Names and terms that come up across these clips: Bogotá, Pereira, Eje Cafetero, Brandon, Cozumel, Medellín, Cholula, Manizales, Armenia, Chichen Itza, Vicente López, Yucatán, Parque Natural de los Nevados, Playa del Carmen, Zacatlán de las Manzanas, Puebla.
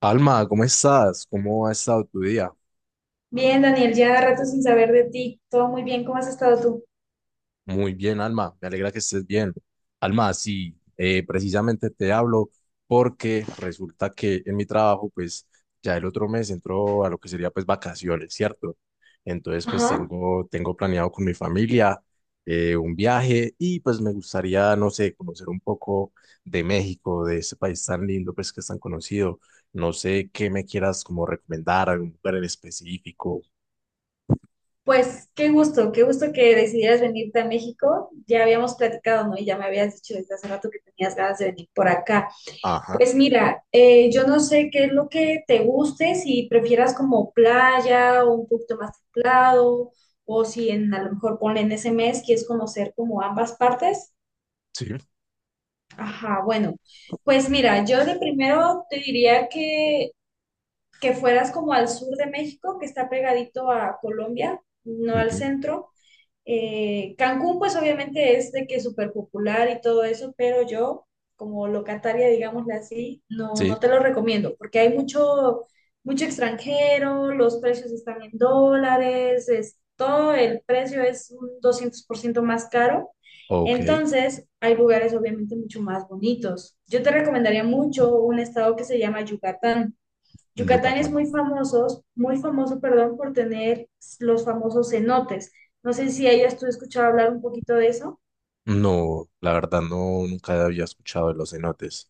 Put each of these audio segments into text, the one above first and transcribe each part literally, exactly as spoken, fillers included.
Alma, ¿cómo estás? ¿Cómo ha estado tu día? Bien, Daniel, ya rato sin saber de ti. Todo muy bien, ¿cómo has estado tú? Muy bien, Alma, me alegra que estés bien. Alma, sí, eh, precisamente te hablo porque resulta que en mi trabajo, pues ya el otro mes entró a lo que sería pues vacaciones, ¿cierto? Entonces, pues Ajá. tengo, tengo planeado con mi familia eh, un viaje y pues me gustaría, no sé, conocer un poco de México, de ese país tan lindo, pues que es tan conocido. No sé qué me quieras como recomendar, algún lugar en específico. Pues qué gusto, qué gusto que decidieras venirte a México. Ya habíamos platicado, ¿no? Y ya me habías dicho desde hace rato que tenías ganas de venir por acá. Ajá, Pues mira, eh, yo no sé qué es lo que te guste, si prefieras como playa o un poquito más templado, o si en, a lo mejor ponle en ese mes quieres conocer como ambas partes. sí. Ajá, bueno, pues mira, yo de primero te diría que que fueras como al sur de México, que está pegadito a Colombia, no al Ujú. centro. Eh, Cancún, pues obviamente es de que es súper popular y todo eso, pero yo, como locataria, digámosle así, no, no Sí, te lo recomiendo, porque hay mucho, mucho extranjero, los precios están en dólares, es, todo el precio es un doscientos por ciento más caro. ok, en Entonces, hay lugares obviamente mucho más bonitos. Yo te recomendaría mucho un estado que se llama Yucatán. Yucatán es muy Yucatán. famoso, muy famoso, perdón, por tener los famosos cenotes. No sé si hayas tú escuchado hablar un poquito de eso. No, la verdad no, nunca había escuchado de los cenotes.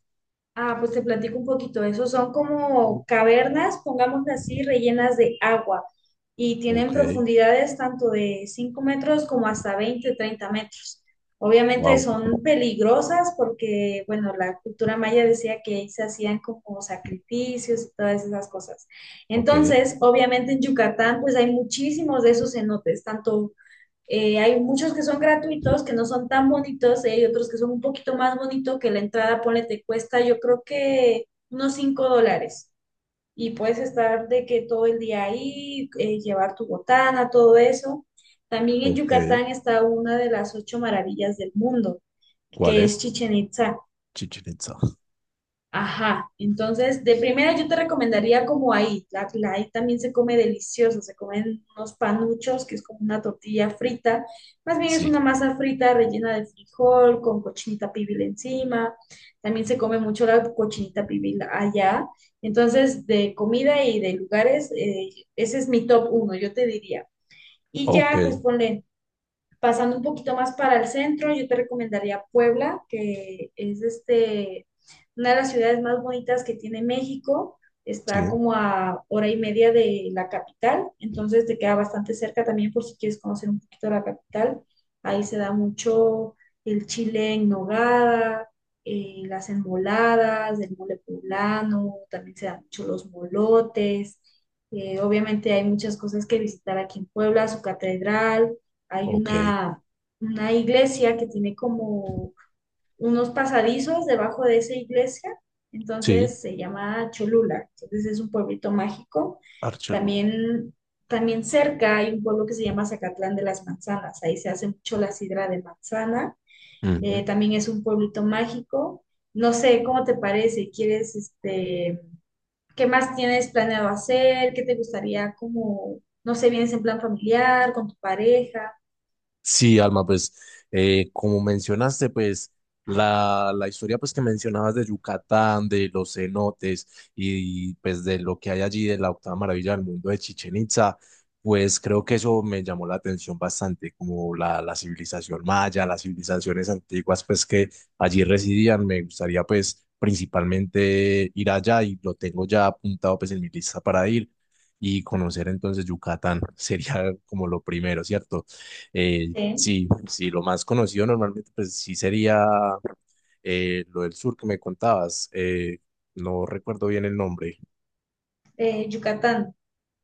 Ah, pues te platico un poquito. Esos son como cavernas, pongámosle así, rellenas de agua y tienen Ok, profundidades tanto de cinco metros como hasta veinte, treinta metros. Obviamente wow, son peligrosas porque, bueno, la cultura maya decía que ahí se hacían como sacrificios y todas esas cosas. ok, Entonces, obviamente en Yucatán, pues hay muchísimos de esos cenotes, tanto eh, hay muchos que son gratuitos, que no son tan bonitos, eh, y hay otros que son un poquito más bonitos, que la entrada, ponle, te cuesta yo creo que unos cinco dólares. Y puedes estar de que todo el día ahí, eh, llevar tu botana, todo eso. También en ok. Yucatán está una de las ocho maravillas del mundo, ¿Cuál que es es? Chichen Itza. Chichen Itza. Ajá, entonces de primera yo te recomendaría como ahí, la, la ahí también se come delicioso, se comen unos panuchos, que es como una tortilla frita, más bien es Sí, una masa frita rellena de frijol con cochinita pibil encima, también se come mucho la cochinita pibil allá, entonces de comida y de lugares, eh, ese es mi top uno, yo te diría. Y ok, ya, pues ponle, pasando un poquito más para el centro, yo te recomendaría Puebla, que es este, una de las ciudades más bonitas que tiene México. Está sí, como a hora y media de la capital, entonces te queda bastante cerca también por si quieres conocer un poquito la capital. Ahí se da mucho el chile en nogada, eh, las enmoladas, el mole poblano, también se dan mucho los molotes. Eh, obviamente hay muchas cosas que visitar aquí en Puebla, su catedral, hay ok, una, una iglesia que tiene como unos pasadizos debajo de esa iglesia, sí, entonces se llama Cholula, entonces es un pueblito mágico. Archelula. También, también cerca hay un pueblo que se llama Zacatlán de las Manzanas, ahí se hace mucho la sidra de manzana, eh, también es un pueblito mágico. No sé, ¿cómo te parece? ¿Quieres, este, qué más tienes planeado hacer? ¿Qué te gustaría como, no sé, vienes en plan familiar, con tu pareja? Sí, Alma, pues eh, como mencionaste, pues la, la historia pues que mencionabas de Yucatán, de los cenotes y pues de lo que hay allí de la octava maravilla del mundo de Chichen Itza, pues creo que eso me llamó la atención bastante, como la, la civilización maya, las civilizaciones antiguas pues que allí residían. Me gustaría pues principalmente ir allá y lo tengo ya apuntado pues en mi lista para ir y conocer entonces Yucatán sería como lo primero, ¿cierto? Eh, Sí. Sí, sí, lo más conocido normalmente, pues sí sería eh, lo del sur que me contabas. Eh, no recuerdo bien el nombre. eh, Yucatán.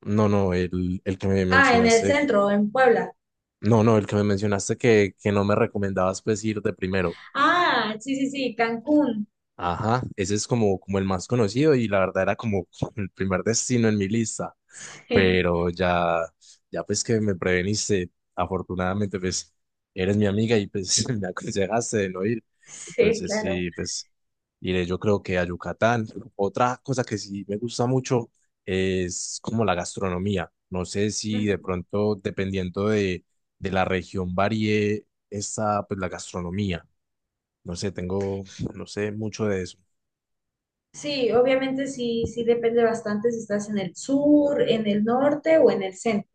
No, no, el, el que me Ah, en el mencionaste. centro, en Puebla. No, no, el que me mencionaste que, que no me recomendabas pues ir de primero. Ah, sí, sí, sí, Cancún. Ajá, ese es como, como el más conocido y la verdad era como el primer destino en mi lista, Sí, pero ya, ya pues que me preveniste, afortunadamente pues eres mi amiga y pues me aconsejaste de no ir, sí, entonces claro. sí, pues iré yo creo que a Yucatán. Otra cosa que sí me gusta mucho es como la gastronomía. No sé si de pronto dependiendo de, de la región varíe esa pues la gastronomía, no sé, tengo, no sé mucho de eso. Sí, obviamente sí, sí depende bastante si estás en el sur, en el norte o en el centro.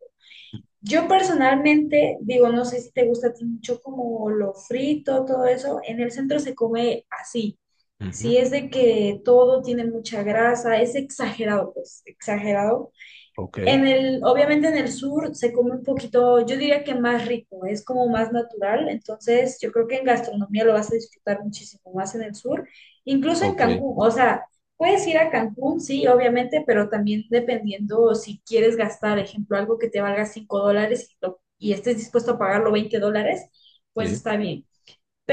Yo personalmente digo, no sé si te gusta a ti mucho como lo frito, todo eso. En el centro se come así. Ujú. Si es de que todo tiene mucha grasa, es exagerado, pues, exagerado. Ok, En el, obviamente en el sur se come un poquito, yo diría que más rico, es como más natural, entonces yo creo que en gastronomía lo vas a disfrutar muchísimo más en el sur, incluso en ok, Cancún, o sea, puedes ir a Cancún, sí, obviamente, pero también dependiendo si quieres gastar, ejemplo, algo que te valga cinco dólares y, lo- y estés dispuesto a pagarlo veinte dólares, pues sí, está bien,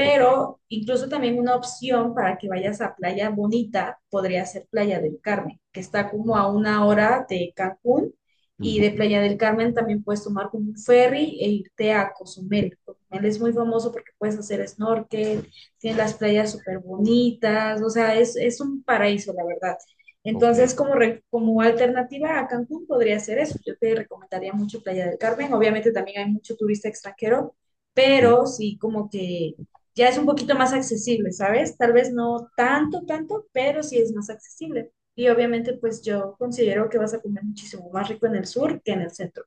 ok, incluso también una opción para que vayas a Playa Bonita podría ser Playa del Carmen, que está como a una hora de Cancún, y de ujú, Playa del Carmen también puedes tomar como un ferry e irte a Cozumel. Cozumel es muy famoso porque puedes hacer snorkel, tiene las playas súper bonitas, o sea, es, es un paraíso, la verdad. ok, Entonces, como, re- como alternativa a Cancún podría ser eso. Yo te recomendaría mucho Playa del Carmen. Obviamente también hay mucho turista extranjero, sí, pero sí como que ya es un poquito más accesible, ¿sabes? Tal vez no tanto, tanto, pero sí es más accesible. Y obviamente, pues yo considero que vas a comer muchísimo más rico en el sur que en el centro.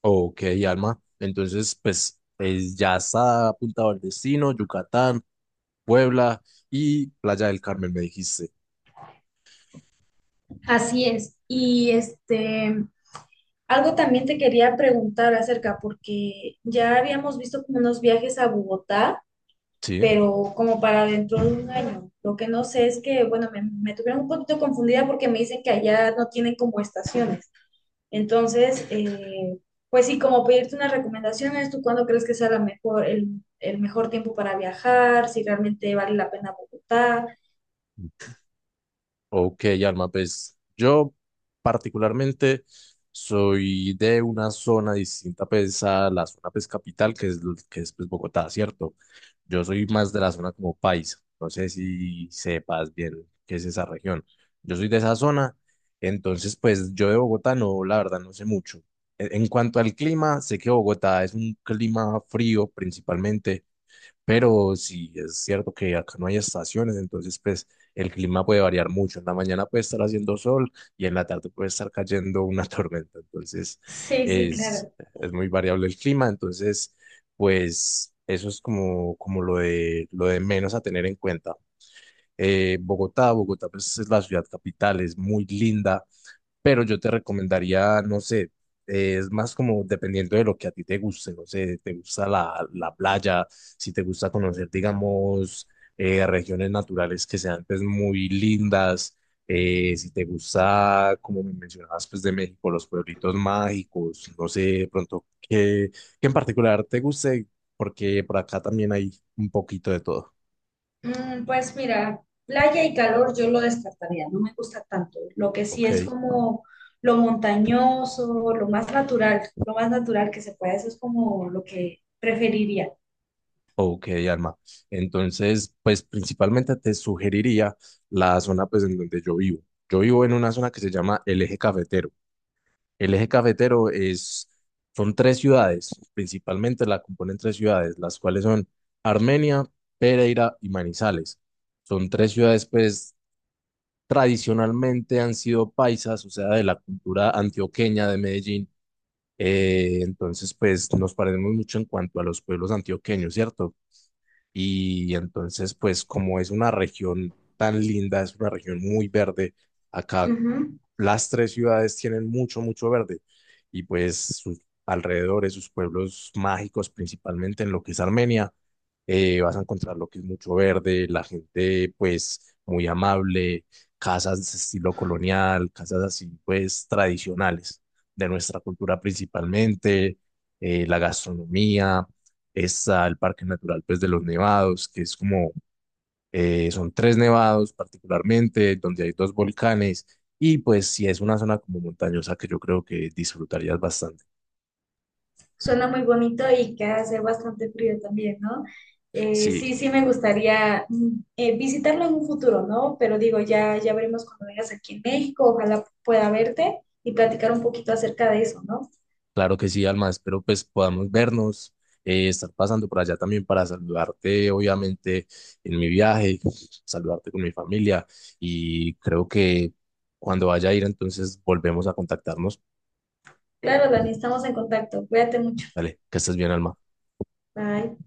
ok, Alma. Entonces, pues es- ya está apuntado el destino: Yucatán, Puebla y Playa del Carmen, me dijiste. Así es. Y este, Algo también te quería preguntar acerca, porque ya habíamos visto como unos viajes a Bogotá, Sí. pero como para dentro de un año. Lo que no sé es que, bueno, me, me tuvieron un poquito confundida porque me dicen que allá no tienen como estaciones. Entonces, eh, pues sí, como pedirte unas recomendaciones, ¿tú cuándo crees que sea la mejor, el, el mejor tiempo para viajar? Si realmente vale la pena Bogotá. Ok, Alma, pues yo particularmente soy de una zona distinta pues, a la zona pues, capital, que es, lo- que es pues, Bogotá, ¿cierto? Yo soy más de la zona como paisa, no sé si sepas bien qué es esa región. Yo soy de esa zona, entonces pues yo de Bogotá no, la verdad no sé mucho. En en cuanto al clima, sé que Bogotá es un clima frío principalmente, pero si es cierto que acá no hay estaciones, entonces pues el clima puede variar mucho. En la mañana puede estar haciendo sol y en la tarde puede estar cayendo una tormenta. Entonces Sí, sí, es, claro. es muy variable el clima. Entonces pues eso es como, como lo de, lo de menos a tener en cuenta. Eh, Bogotá, Bogotá pues es la ciudad capital, es muy linda, pero yo te recomendaría, no sé, eh, es más como dependiendo de lo que a ti te guste, no sé, te gusta la, la playa, si te gusta conocer, digamos, eh, regiones naturales que sean pues muy lindas, eh, si te gusta, como me mencionabas, pues de México, los pueblitos mágicos, no sé, de pronto, qué, qué en particular te guste, porque por acá también hay un poquito de todo, Mm, pues mira, playa y calor yo lo descartaría, no me gusta tanto. Lo que sí ¿ok? es como lo montañoso, lo más natural, lo más natural que se puede, eso es como lo que preferiría. Ok, Alma. Entonces, pues principalmente te sugeriría la zona pues en donde yo vivo. Yo vivo en una zona que se llama el Eje Cafetero. El Eje Cafetero es, son tres ciudades, principalmente la componen tres ciudades, las cuales son Armenia, Pereira y Manizales. Son tres ciudades pues tradicionalmente han sido paisas, o sea, de la cultura antioqueña de Medellín. Eh, entonces, pues nos parecemos mucho en cuanto a los pueblos antioqueños, ¿cierto? Y entonces, pues como es una región tan linda, es una región muy verde, acá Ujú. las tres ciudades tienen mucho, mucho verde y pues sus alrededores, sus pueblos mágicos, principalmente en lo que es Armenia, eh, vas a encontrar lo que es mucho verde, la gente pues muy amable, casas de estilo colonial, casas así pues tradicionales de nuestra cultura principalmente, eh, la gastronomía, está el Parque Natural pues de los Nevados, que es como eh, son tres nevados particularmente, donde hay dos volcanes, y pues si es una zona como montañosa que yo creo que disfrutarías bastante. Suena muy bonito y que hace bastante frío también, ¿no? Eh, Sí, sí, sí me gustaría mm, eh, visitarlo en un futuro, ¿no? Pero digo, ya, ya veremos cuando vengas aquí en México, ojalá pueda verte y platicar un poquito acerca de eso, ¿no? claro que sí, Alma, espero pues podamos vernos, eh, estar pasando por allá también para saludarte, obviamente, en mi viaje, saludarte con mi familia, y creo que cuando vaya a ir entonces volvemos a contactarnos. Claro, Dani, estamos en contacto. Cuídate mucho. Dale, que estés bien, Alma. Bye.